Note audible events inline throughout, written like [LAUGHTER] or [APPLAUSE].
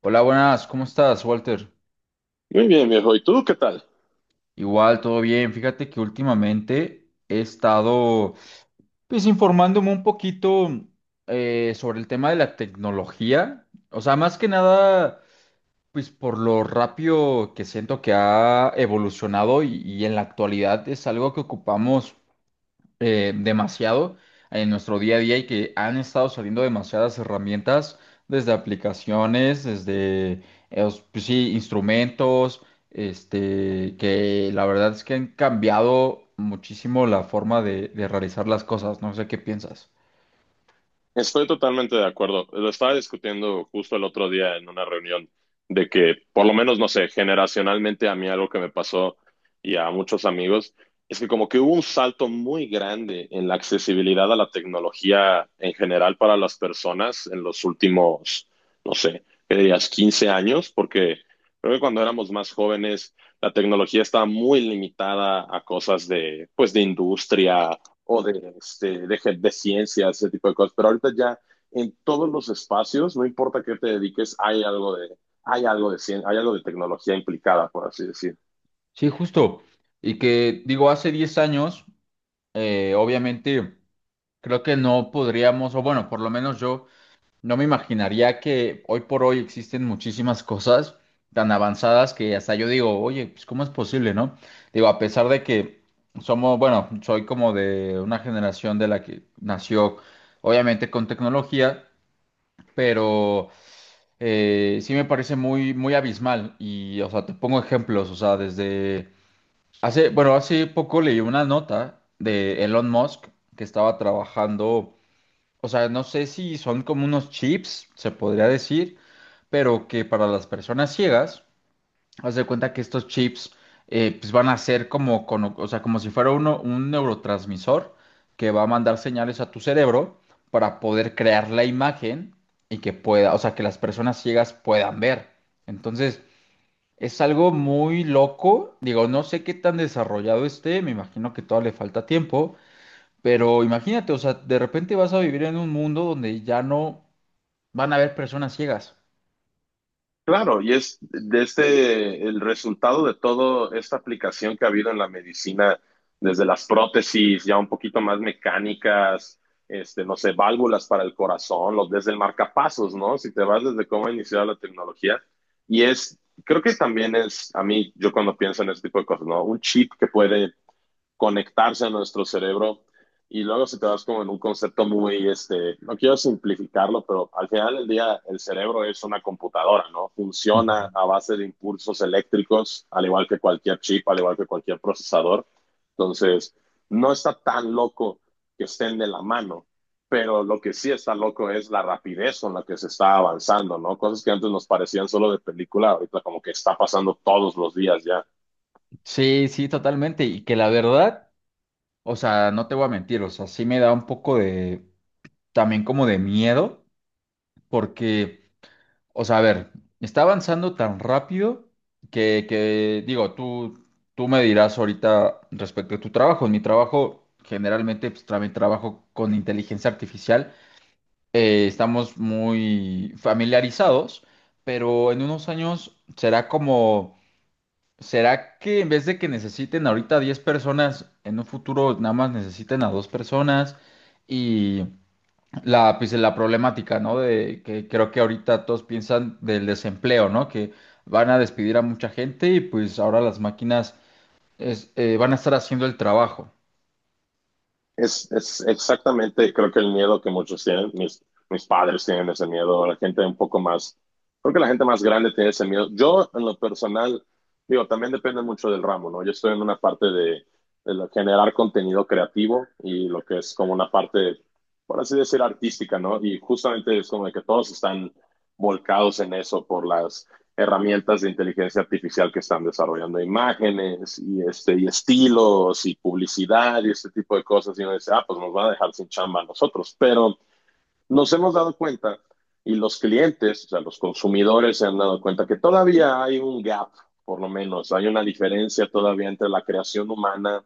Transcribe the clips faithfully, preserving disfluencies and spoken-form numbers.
Hola, buenas, ¿cómo estás, Walter? Muy bien, viejo. ¿Y tú qué tal? Igual, todo bien. Fíjate que últimamente he estado, pues, informándome un poquito eh, sobre el tema de la tecnología. O sea, más que nada, pues, por lo rápido que siento que ha evolucionado y, y en la actualidad es algo que ocupamos eh, demasiado en nuestro día a día y que han estado saliendo demasiadas herramientas, desde aplicaciones, desde eh, os- pues sí, instrumentos, este, que la verdad es que han cambiado muchísimo la forma de, de realizar las cosas. No sé qué piensas. Estoy totalmente de acuerdo. Lo estaba discutiendo justo el otro día en una reunión de que, por lo menos, no sé, generacionalmente a mí algo que me pasó y a muchos amigos es que como que hubo un salto muy grande en la accesibilidad a la tecnología en general para las personas en los últimos, no sé, ¿qué dirías? quince años, porque creo que cuando éramos más jóvenes la tecnología estaba muy limitada a cosas de, pues, de industria o de, este, de, de ciencia, ese tipo de cosas. Pero ahorita ya en todos los espacios, no importa qué te dediques, hay algo de, hay algo de ciencia, hay algo de tecnología implicada, por así decir. Sí, justo. Y que digo, hace diez años, eh, obviamente, creo que no podríamos, o bueno, por lo menos yo. No me imaginaría que hoy por hoy existen muchísimas cosas tan avanzadas que hasta yo digo, oye, pues ¿cómo es posible, no? Digo, a pesar de que somos, bueno, soy como de una generación de la que nació, obviamente, con tecnología, pero eh, sí me parece muy, muy abismal. Y, o sea, te pongo ejemplos, o sea, desde hace, bueno, hace poco leí una nota de Elon Musk que estaba trabajando, o sea, no sé si son como unos chips, se podría decir, pero que para las personas ciegas, haz de cuenta que estos chips, eh, pues van a ser como, cono- o sea, como si fuera uno, un neurotransmisor que va a mandar señales a tu cerebro para poder crear la imagen y que pueda, o sea, que las personas ciegas puedan ver. Entonces, es algo muy loco. Digo, no sé qué tan desarrollado esté, me imagino que todavía le falta tiempo. Pero imagínate, o sea, de repente vas a vivir en un mundo donde ya no van a haber personas ciegas. Claro, y es desde el resultado de toda esta aplicación que ha habido en la medicina, desde las prótesis ya un poquito más mecánicas, este, no sé, válvulas para el corazón, los, desde el marcapasos, ¿no? Si te vas desde cómo ha iniciado la tecnología. Y es, creo que también es, a mí, yo cuando pienso en este tipo de cosas, ¿no? Un chip que puede conectarse a nuestro cerebro. Y luego si te vas como en un concepto muy, este, no quiero simplificarlo, pero al final del día el cerebro es una computadora, ¿no? Funciona Ujú. a base de impulsos eléctricos, al igual que cualquier chip, al igual que cualquier procesador. Entonces, no está tan loco que estén de la mano, pero lo que sí está loco es la rapidez con la que se está avanzando, ¿no? Cosas que antes nos parecían solo de película, ahorita como que está pasando todos los días ya. Sí, sí, totalmente. Y que la verdad, o sea, no te voy a mentir, o sea, sí me da un poco de, también como de miedo, porque, o sea, a ver, está avanzando tan rápido que, que digo, tú, tú me dirás ahorita respecto a tu trabajo. En mi trabajo, generalmente, pues también trabajo con inteligencia artificial. Eh, estamos muy familiarizados, pero en unos años será como, será que en vez de que necesiten ahorita diez personas, en un futuro nada más necesiten a dos personas y la, pues, la problemática, ¿no? De que creo que ahorita todos piensan del desempleo, ¿no? Que van a despedir a mucha gente y pues ahora las máquinas es- eh, van a estar haciendo el trabajo. Es, es exactamente, creo que el miedo que muchos tienen, mis, mis padres tienen ese miedo, la gente un poco más, creo que la gente más grande tiene ese miedo. Yo, en lo personal, digo, también depende mucho del ramo, ¿no? Yo estoy en una parte de, de lo- generar contenido creativo y lo que es como una parte, por así decir, artística, ¿no? Y justamente es como de que todos están volcados en eso por las herramientas de inteligencia artificial que están desarrollando imágenes y, este, y estilos y publicidad y este tipo de cosas. Y uno dice, ah, pues nos van a dejar sin chamba a nosotros. Pero nos hemos dado cuenta y los clientes, o sea, los consumidores se han dado cuenta que todavía hay un gap, por lo menos, hay una diferencia todavía entre la creación humana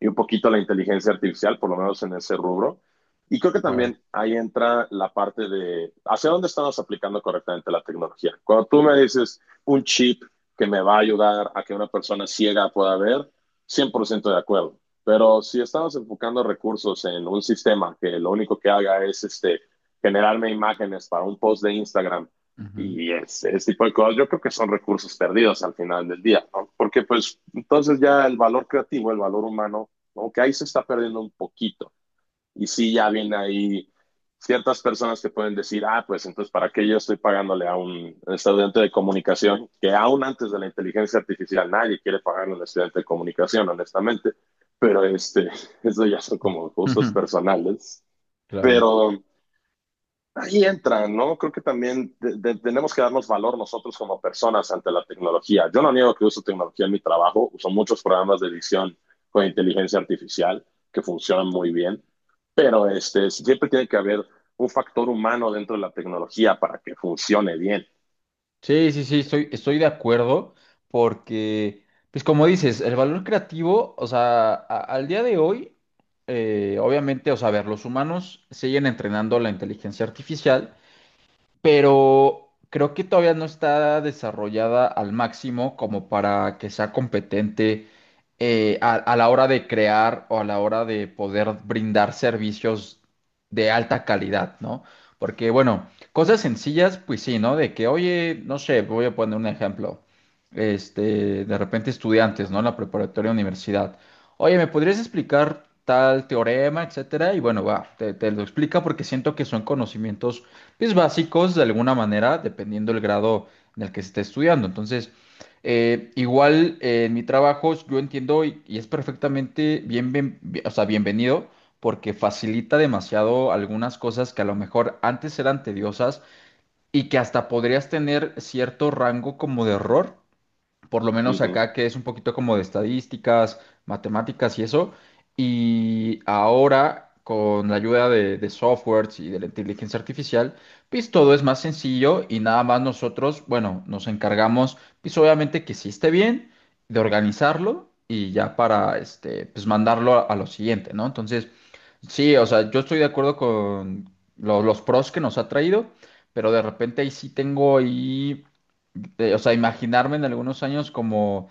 y un poquito la inteligencia artificial, por lo menos en ese rubro. Y creo que Claro. también ahí entra la parte de hacia dónde estamos aplicando correctamente la tecnología. Cuando tú me dices un chip que me va a ayudar a que una persona ciega pueda ver, cien por ciento de acuerdo. Pero si estamos enfocando recursos en un sistema que lo único que haga es este, generarme imágenes para un post de Instagram Ujú. y ese, ese tipo de cosas, yo creo que son recursos perdidos al final del día, ¿no? Porque pues entonces ya el valor creativo, el valor humano como que ahí se está perdiendo un poquito. Y sí, ya viene ahí ciertas personas que pueden decir, ah, pues entonces, ¿para qué yo estoy pagándole a un estudiante de comunicación? Que aún antes de la inteligencia artificial nadie quiere pagarle a un estudiante de comunicación, honestamente. Pero este, [LAUGHS] eso ya son como gustos [LAUGHS] personales. Claro. Pero ahí entra, ¿no? Creo que también de, de, tenemos que darnos valor nosotros como personas ante la tecnología. Yo no niego que uso tecnología en mi trabajo, uso muchos programas de edición con inteligencia artificial que funcionan muy bien, pero este, siempre tiene que haber un factor humano dentro de la tecnología para que funcione bien. Sí, sí, sí, estoy, estoy de acuerdo porque, pues como dices, el valor creativo, o sea, a- al día de hoy, eh, obviamente, o sea, a ver, los humanos siguen entrenando la inteligencia artificial, pero creo que todavía no está desarrollada al máximo como para que sea competente eh, a, a la hora de crear o a la hora de poder brindar servicios de alta calidad, ¿no? Porque, bueno, cosas sencillas, pues sí, ¿no? De que, oye, no sé, voy a poner un ejemplo. Este, de repente estudiantes, ¿no? En la preparatoria universidad. Oye, ¿me podrías explicar tal teorema, etcétera? Y bueno, va, te, te lo explica porque siento que son conocimientos pues básicos de alguna manera, dependiendo el grado en el que se esté estudiando. Entonces, eh, igual eh, en mi trabajo yo entiendo y, y es perfectamente bien, bien- bien- o sea, bienvenido porque facilita demasiado algunas cosas que a lo mejor antes eran tediosas y que hasta podrías tener cierto rango como de error, por lo Uh menos -huh. acá que es un poquito como de estadísticas, matemáticas y eso. Y ahora, con la ayuda de, de softwares y de la inteligencia artificial, pues todo es más sencillo y nada más nosotros, bueno, nos encargamos, pues obviamente que sí esté bien, de organizarlo y ya para, este, pues mandarlo a, a lo siguiente, ¿no? Entonces, sí, o sea, yo estoy de acuerdo con lo- los pros que nos ha traído, pero de repente ahí sí tengo ahí de- o sea, imaginarme en algunos años como,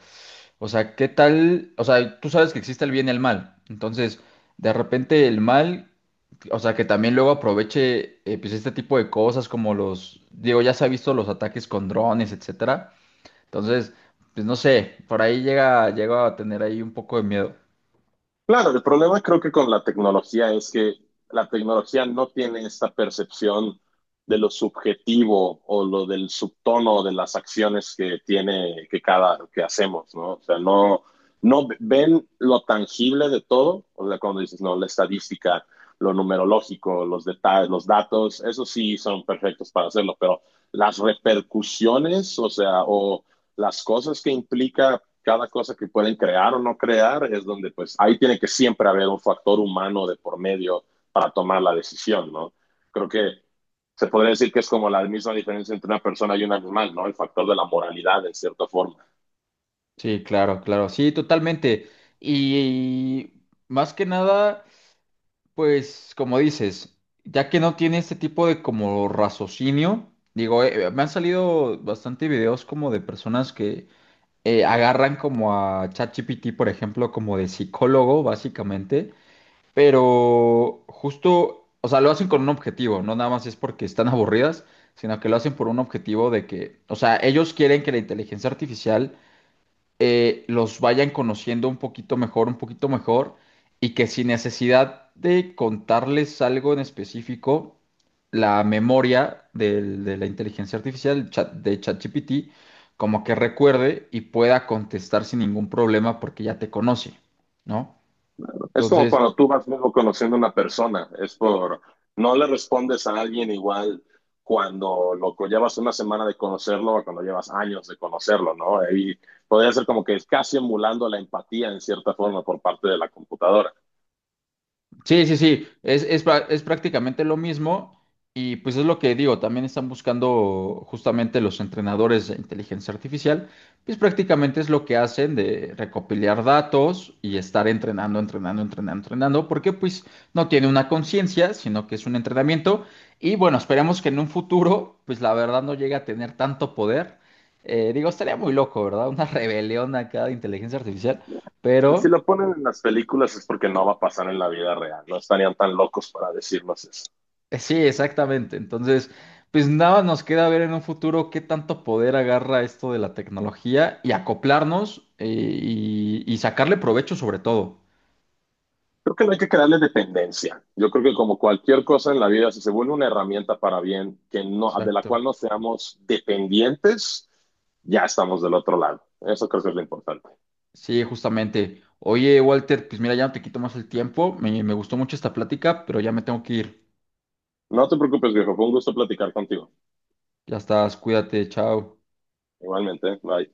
o sea, ¿qué tal? O sea, tú sabes que existe el bien y el mal. Entonces, de repente el mal, o sea, que también luego aproveche, eh, pues este tipo de cosas como los, digo, ya se ha visto los ataques con drones, etcétera. Entonces, pues no sé, por ahí llega, llego a tener ahí un poco de miedo. Claro, el problema creo que con la tecnología es que la tecnología no tiene esta percepción de lo subjetivo o lo del subtono de las acciones que tiene, que cada, que hacemos, ¿no? O sea, no, no ven lo tangible de todo, o sea, cuando dices, no, la estadística, lo numerológico, los detalles, los datos, eso sí son perfectos para hacerlo, pero las repercusiones, o sea, o las cosas que implica cada cosa que pueden crear o no crear, es donde pues ahí tiene que siempre haber un factor humano de por medio para tomar la decisión, ¿no? Creo que se podría decir que es como la misma diferencia entre una persona y un animal, ¿no? El factor de la moralidad, en cierta forma. Sí, claro, claro, sí, totalmente. Y más que nada. Pues como dices, ya que no tiene este tipo de como raciocinio, digo, eh, me han salido bastante videos como de personas que eh, agarran como a ChatGPT, por ejemplo, como de psicólogo, básicamente, pero justo, o sea, lo hacen con un objetivo, no nada más es porque están [LAUGHS] aburridas, sino que lo hacen por un objetivo de que, o sea, ellos quieren que la inteligencia artificial eh, los vayan conociendo un poquito mejor, un poquito mejor, y que sin necesidad de contarles algo en específico, la memoria del- de la inteligencia artificial, el chat de ChatGPT, como que recuerde y pueda contestar sin ningún problema porque ya te conoce, ¿no? Es como Entonces, cuando tú vas luego conociendo a una persona, es por, no le respondes a alguien igual cuando lo co- llevas una semana de conocerlo o cuando llevas años de conocerlo, ¿no? Ahí podría ser como que es casi emulando la empatía en cierta forma por parte de la computadora. sí, sí, sí, es, es, pra- es prácticamente lo mismo y pues es lo que digo, también están buscando justamente los entrenadores de inteligencia artificial, pues prácticamente es lo que hacen de recopilar datos y estar entrenando, entrenando, entrenando, entrenando, porque pues no tiene una conciencia, sino que es un entrenamiento y bueno, esperemos que en un futuro pues la verdad no llegue a tener tanto poder. Eh, digo, estaría muy loco, ¿verdad? Una [LAUGHS] rebelión acá de inteligencia artificial, Si pero... lo ponen en las películas es porque no va a pasar en la vida real, no estarían tan locos para decirnos eso. Eh, sí, exactamente. Entonces, pues nada, nos queda ver en un futuro qué tanto poder agarra esto de la tecnología y acoplarnos, eh, y, y sacarle provecho sobre todo. Creo que no hay que crearle dependencia. Yo creo que como cualquier cosa en la vida, si se vuelve una herramienta para bien, que no, de la Exacto. cual no seamos dependientes, ya estamos del otro lado. Eso creo que es lo importante. Sí, justamente. Oye, Walter, pues mira, ya no te quito más el tiempo. Me, me gustó mucho esta plática, pero ya me tengo que ir. No te preocupes, viejo. Fue un gusto platicar contigo. Ya estás, cuídate, chao. Igualmente, bye.